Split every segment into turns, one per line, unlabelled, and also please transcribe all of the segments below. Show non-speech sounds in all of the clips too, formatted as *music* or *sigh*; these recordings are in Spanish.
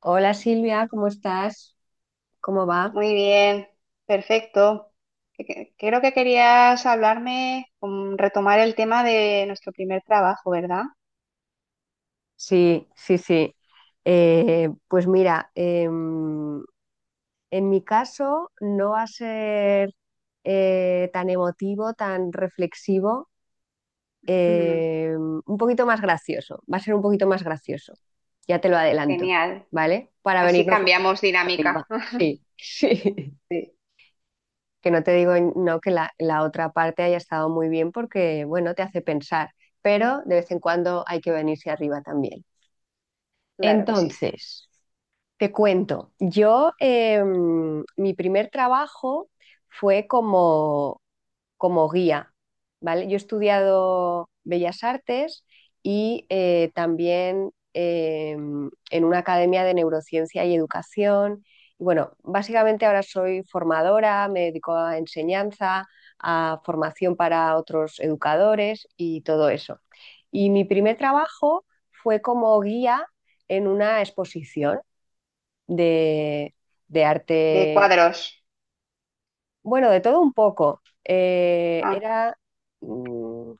Hola Silvia, ¿cómo estás? ¿Cómo va?
Muy bien, perfecto. Creo que querías hablarme, retomar el tema de nuestro primer trabajo, ¿verdad?
Sí, sí, sí. Pues mira, en mi caso no va a ser tan emotivo, tan reflexivo,
Ujú.
un poquito más gracioso, va a ser un poquito más gracioso, ya te lo adelanto,
Genial.
¿vale? Para
Así
venirnos un poco
cambiamos
más
dinámica.
arriba.
*laughs*
Sí, *laughs* sí.
Sí,
Que no te digo no que la otra parte haya estado muy bien porque, bueno, te hace pensar, pero de vez en cuando hay que venirse arriba también.
claro que sí.
Entonces, te cuento, yo, mi primer trabajo fue como guía, ¿vale? Yo he estudiado Bellas Artes y también en una academia de neurociencia y educación. Y bueno, básicamente ahora soy formadora, me dedico a enseñanza, a formación para otros educadores y todo eso. Y mi primer trabajo fue como guía en una exposición de, de
De
arte,
cuadros.
bueno, de todo un poco. Eh,
Ah,
era... mm,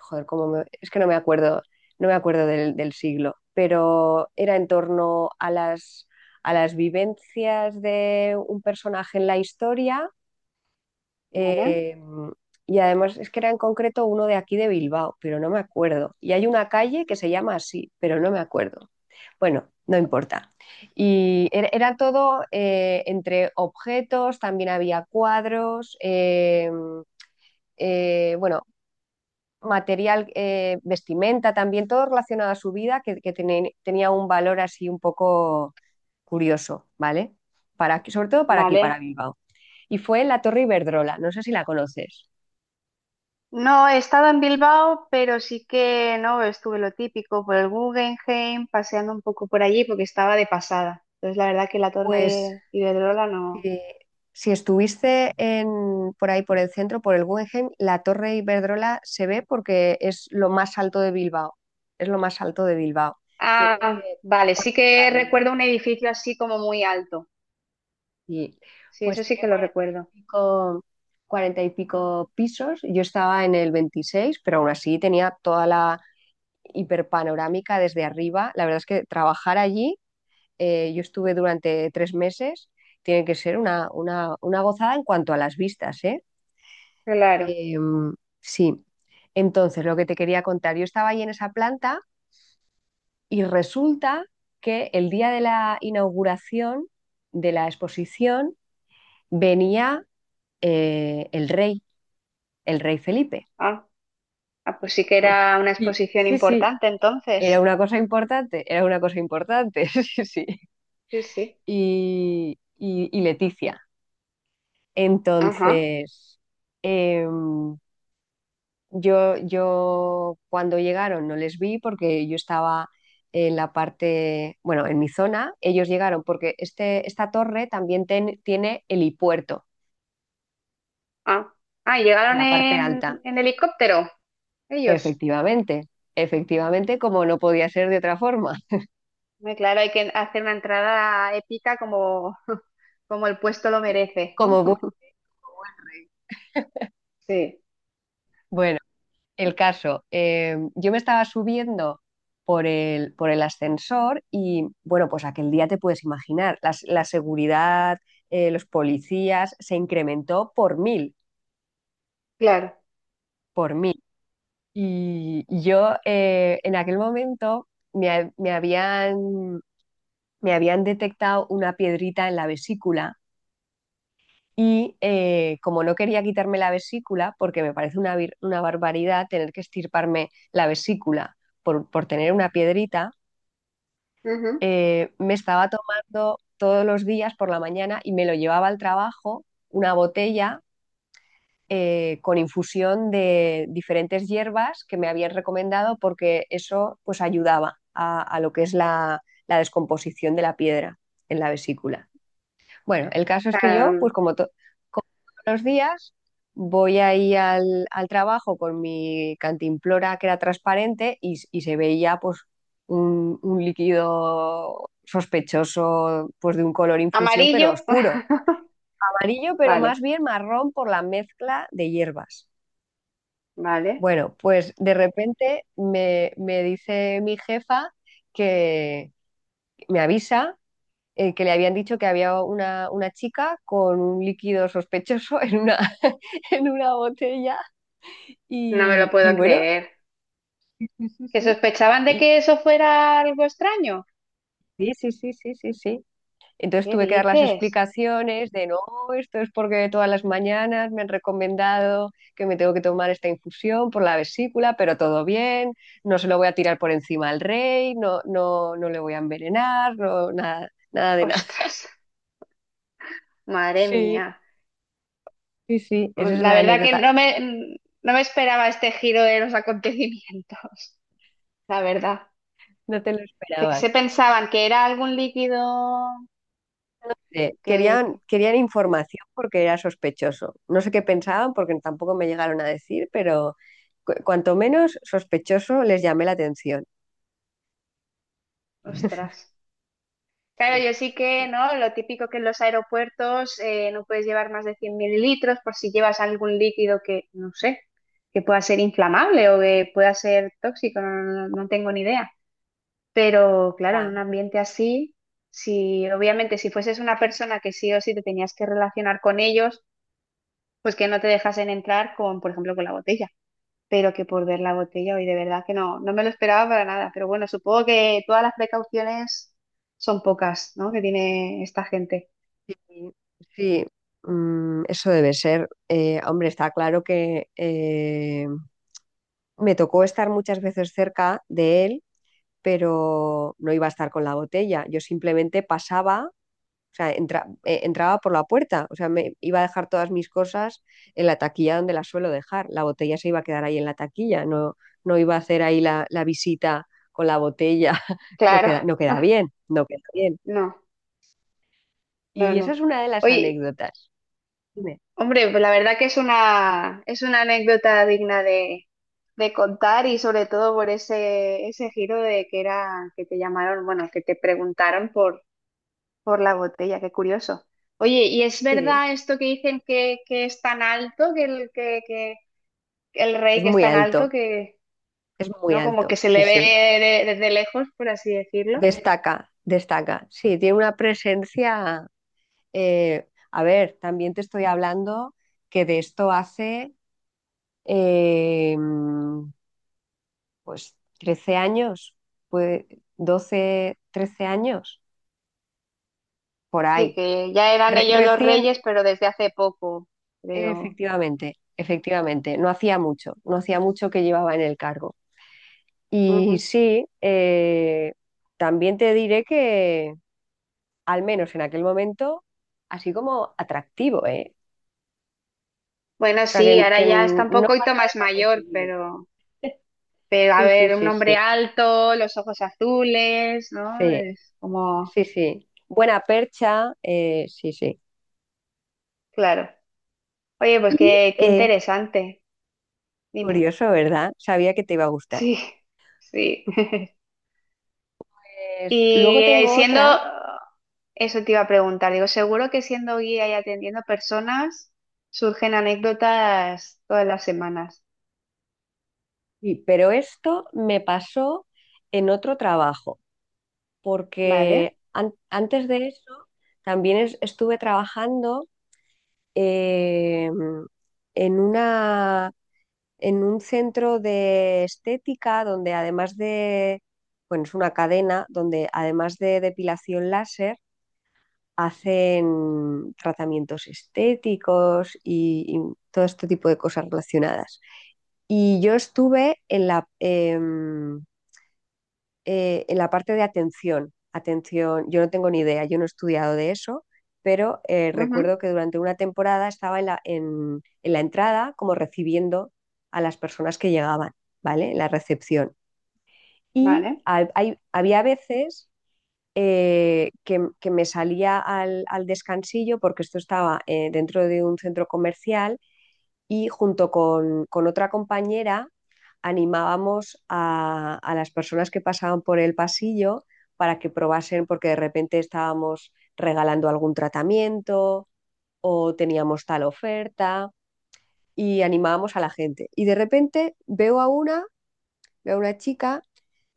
Joder, es que no me acuerdo, no me acuerdo del siglo, pero era en torno a las vivencias de un personaje en la historia.
vale.
eh, y además es que era en concreto uno de aquí de Bilbao, pero no me acuerdo. Y hay una calle que se llama así, pero no me acuerdo. Bueno, no importa. Y era todo, entre objetos, también había cuadros, bueno, material, vestimenta también, todo relacionado a su vida que, tenía un valor así un poco curioso, ¿vale? Para, sobre todo para aquí, para
Vale.
Bilbao. Y fue en la Torre Iberdrola, no sé si la conoces.
No he estado en Bilbao, pero sí que no estuve lo típico por el Guggenheim, paseando un poco por allí porque estaba de pasada. Entonces, la verdad que la
Pues
Torre Iberdrola no.
si, si estuviste en, por ahí, por el centro, por el Guggenheim, la Torre Iberdrola se ve porque es lo más alto de Bilbao. Es lo más alto de Bilbao. Tiene
Ah, vale, sí que
40
recuerdo un edificio así como muy alto.
y,
Sí,
pues
eso sí
tiene
que lo
40 y
recuerdo.
pico, 40 y pico pisos. Yo estaba en el 26, pero aún así tenía toda la hiperpanorámica desde arriba. La verdad es que trabajar allí, yo estuve durante 3 meses, tiene que ser una gozada en cuanto a las vistas, ¿eh?
Claro.
Eh, Sí. Entonces, lo que te quería contar, yo estaba ahí en esa planta y resulta que el día de la inauguración de la exposición venía, eh, el rey, el rey Felipe.
Ah, ah, pues sí que
*laughs*
era una
Y
exposición
sí, sí,
importante
era
entonces.
una cosa importante, era una cosa importante, *laughs* sí, sí.
Sí, sí.
Y, y Leticia.
Ajá.
Entonces, em, yo, yo cuando llegaron no les vi porque yo estaba en la parte, bueno, en mi zona, ellos llegaron porque esta torre también tiene helipuerto
Ah, ah,
en
llegaron
la parte
en,
alta.
en helicóptero ellos.
Efectivamente, efectivamente, como no podía ser de otra forma,
Hombre, claro, hay que hacer una entrada épica como, *laughs* como el puesto lo merece, ¿no?
como bu-
*laughs* Sí,
bueno. El caso, yo me estaba subiendo por el ascensor y bueno, pues aquel día te puedes imaginar, la seguridad, los policías, se incrementó por mil,
claro.
por mil. Y yo, en aquel momento me, ha- me habían, me habían detectado una piedrita en la vesícula y como no quería quitarme la vesícula, porque me parece una, una barbaridad tener que estirparme la vesícula por tener una piedrita,
Ujú.
me estaba tomando todos los días por la mañana y me lo llevaba al trabajo una botella, con infusión de diferentes hierbas que me habían recomendado porque eso pues ayudaba a lo que es la, la descomposición de la piedra en la vesícula. Bueno, el caso es que yo,
Claro.
pues como todos los días, voy ahí al, al trabajo con mi cantimplora que era transparente y, y se veía pues un líquido sospechoso, pues de un color infusión, pero
Amarillo.
oscuro.
*laughs*
Amarillo, pero más
Vale,
bien marrón por la mezcla de hierbas.
vale.
Bueno, pues de repente me dice mi jefa que me avisa, que le habían dicho que había una chica con un líquido sospechoso en una, *laughs* en una botella.
No me lo
Y
puedo
bueno,
creer.
sí, sí,
¿Que
sí.
sospechaban de
Y,
que eso fuera algo extraño?
sí, sí, sí, sí, sí, sí. Entonces
¿Qué
tuve que dar las
dices?
explicaciones de no, esto es porque todas las mañanas me han recomendado que me tengo que tomar esta infusión por la vesícula, pero todo bien, no se lo voy a tirar por encima al rey, no, no, no le voy a envenenar, no, nada, nada de nada.
Ostras, madre
Sí,
mía.
sí, sí, esa es
La
la
verdad que
anécdota.
no me esperaba este giro de los acontecimientos. *laughs* La verdad.
No te lo
Que
esperabas.
se pensaban que era algún líquido
Sí,
que,
querían,
que-
querían información porque era sospechoso. No sé qué pensaban porque tampoco me llegaron a decir, pero cuanto menos sospechoso les llamé la atención. *laughs*
Ostras.
Sí,
Claro, yo sí que, ¿no? Lo típico que en los aeropuertos no puedes llevar más de 100 mililitros por si llevas algún líquido que, no sé, que pueda ser inflamable o que pueda ser tóxico, no tengo ni idea. Pero claro, en
ya,
un ambiente así, si obviamente si fueses una persona que sí o sí te tenías que relacionar con ellos, pues que no te dejasen entrar con, por ejemplo, con la botella. Pero que por ver la botella, hoy de verdad que no, no me lo esperaba para nada. Pero bueno, supongo que todas las precauciones son pocas, ¿no? Que tiene esta gente.
sí, sí, eso debe ser. Hombre, está claro que, me tocó estar muchas veces cerca de él, pero no iba a estar con la botella. Yo simplemente pasaba. O sea, entraba por la puerta. O sea, me iba a dejar todas mis cosas en la taquilla donde las suelo dejar. La botella se iba a quedar ahí en la taquilla. No, no iba a hacer ahí la visita con la botella. *laughs* No
Claro,
queda, no queda bien,
*laughs*
no queda bien.
no, no,
Y esa es
no.
una de las
Oye,
anécdotas. Dime.
hombre, pues la verdad que es una anécdota digna de contar y sobre todo por ese, ese giro de que era que te llamaron, bueno, que te preguntaron por la botella, qué curioso. Oye, ¿y es
Sí.
verdad esto que dicen que es tan alto, que que el rey
Es
que es
muy
tan alto,
alto,
que
es muy
no como que
alto,
se
sí,
le ve
sí.
desde lejos, por así decirlo?
Destaca, destaca. Sí, tiene una presencia. A ver, también te estoy hablando que de esto hace, eh, pues 13 años, pues 12 13 años, por
Sí,
ahí.
que ya eran ellos los
Recién,
reyes, pero desde hace poco, creo.
efectivamente, efectivamente, no hacía mucho, no hacía mucho que llevaba en el cargo. Y sí, también te diré que, al menos en aquel momento, así como atractivo, ¿eh?
Bueno,
O sea,
sí, ahora
que
ya está un
no
poquito
pasa
más mayor,
desapercibido.
pero a
Sí, sí,
ver, un
sí,
hombre
sí,
alto, los ojos azules, ¿no?
sí,
Es como,
sí, sí. Buena percha, sí, sí.
claro. Oye, pues
Y,
qué, qué interesante. Dime.
curioso, ¿verdad? Sabía que te iba a gustar.
Sí, sí. *laughs*
Pues,
Y
luego tengo
siendo,
otra,
eso te iba a preguntar, digo, seguro que siendo guía y atendiendo personas, surgen anécdotas todas las semanas,
sí. Pero esto me pasó en otro trabajo, porque
¿vale?
antes de eso también estuve trabajando, eh, en una, en un centro de estética donde además de, bueno, es una cadena donde además de depilación láser, hacen tratamientos estéticos y todo este tipo de cosas relacionadas. Y yo estuve en la parte de atención. Atención, yo no tengo ni idea, yo no he estudiado de eso, pero
Ujú.
recuerdo que durante una temporada estaba en la entrada como recibiendo a las personas que llegaban, ¿vale? En la recepción. Y
Vale.
había veces, que me salía al descansillo porque esto estaba, dentro de un centro comercial y junto con otra compañera animábamos a las personas que pasaban por el pasillo para que probasen porque de repente estábamos regalando algún tratamiento o teníamos tal oferta y animábamos a la gente. Y de repente veo a una chica,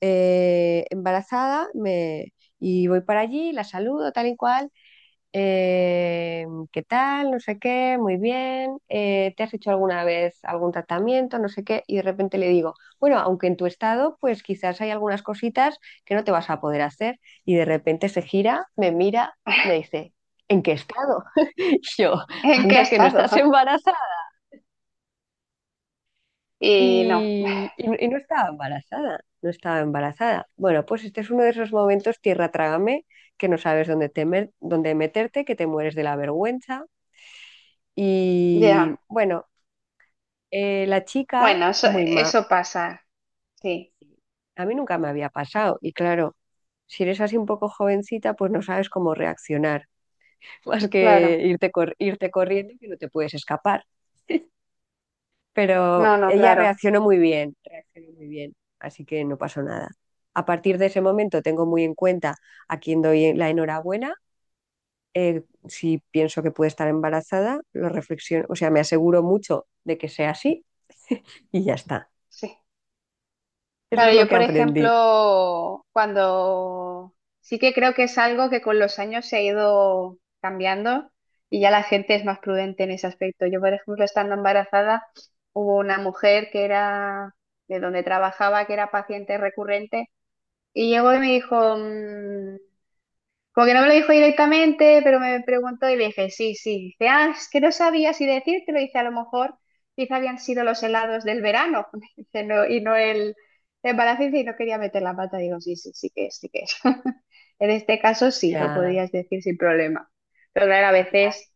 embarazada, y voy para allí, la saludo tal y cual, eh, ¿qué tal? No sé qué, muy bien, ¿te has hecho alguna vez algún tratamiento? No sé qué, y de repente le digo, bueno, aunque en tu estado, pues quizás hay algunas cositas que no te vas a poder hacer, y de repente se gira, me mira, me
*laughs*
dice, ¿en qué estado? *laughs* Y yo,
¿En qué
anda, que no
estado?
estás
*laughs*
embarazada.
Y no,
Y, no, y no estaba embarazada, no estaba embarazada. Bueno, pues este es uno de esos momentos, tierra trágame, que no sabes dónde, temer, dónde meterte, que te mueres de la vergüenza. Y
ya.
bueno, la chica,
Bueno, eso, eso pasa, sí,
a mí nunca me había pasado. Y claro, si eres así un poco jovencita, pues no sabes cómo reaccionar, *laughs* más
claro.
que irte, irte corriendo que no te puedes escapar.
No,
Pero
no,
ella
claro,
reaccionó muy bien, así que no pasó nada. A partir de ese momento tengo muy en cuenta a quién doy la enhorabuena. eh, si pienso que puede estar embarazada, lo reflexiono, o sea, me aseguro mucho de que sea así *laughs* y ya está.
sí.
Eso es
Claro,
lo
yo
que
por
aprendí.
ejemplo, cuando sí que creo que es algo que con los años se ha ido cambiando y ya la gente es más prudente en ese aspecto. Yo, por ejemplo, estando embarazada, hubo una mujer que era de donde trabajaba, que era paciente recurrente, y llegó y me dijo, "Mm, como que no me lo dijo directamente, pero me preguntó y le dije, sí, sí". Dice, "Ah, es que no sabía si decírtelo". Dice, "A lo mejor, quizá habían sido los helados del verano". *laughs* Dice, "No, y no el embarazo". Dice, "Y no quería meter la pata". Digo, "Sí, sí, sí que es, sí que es". *laughs* En este caso sí, lo
Ya,
podías decir sin problema. Pero claro,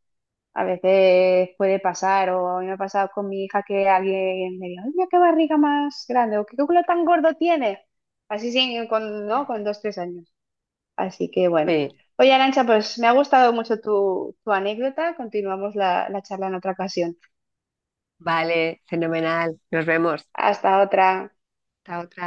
a veces puede pasar, o a mí me ha pasado con mi hija que alguien me dijo, "Mira qué barriga más grande, o qué culo tan gordo tiene". Así sí, con, ¿no? Con dos, tres años. Así que bueno.
sí.
Oye, Arancha, pues me ha gustado mucho tu, tu anécdota. Continuamos la charla en otra ocasión.
Vale, fenomenal. Nos vemos.
Hasta otra.
Hasta otra.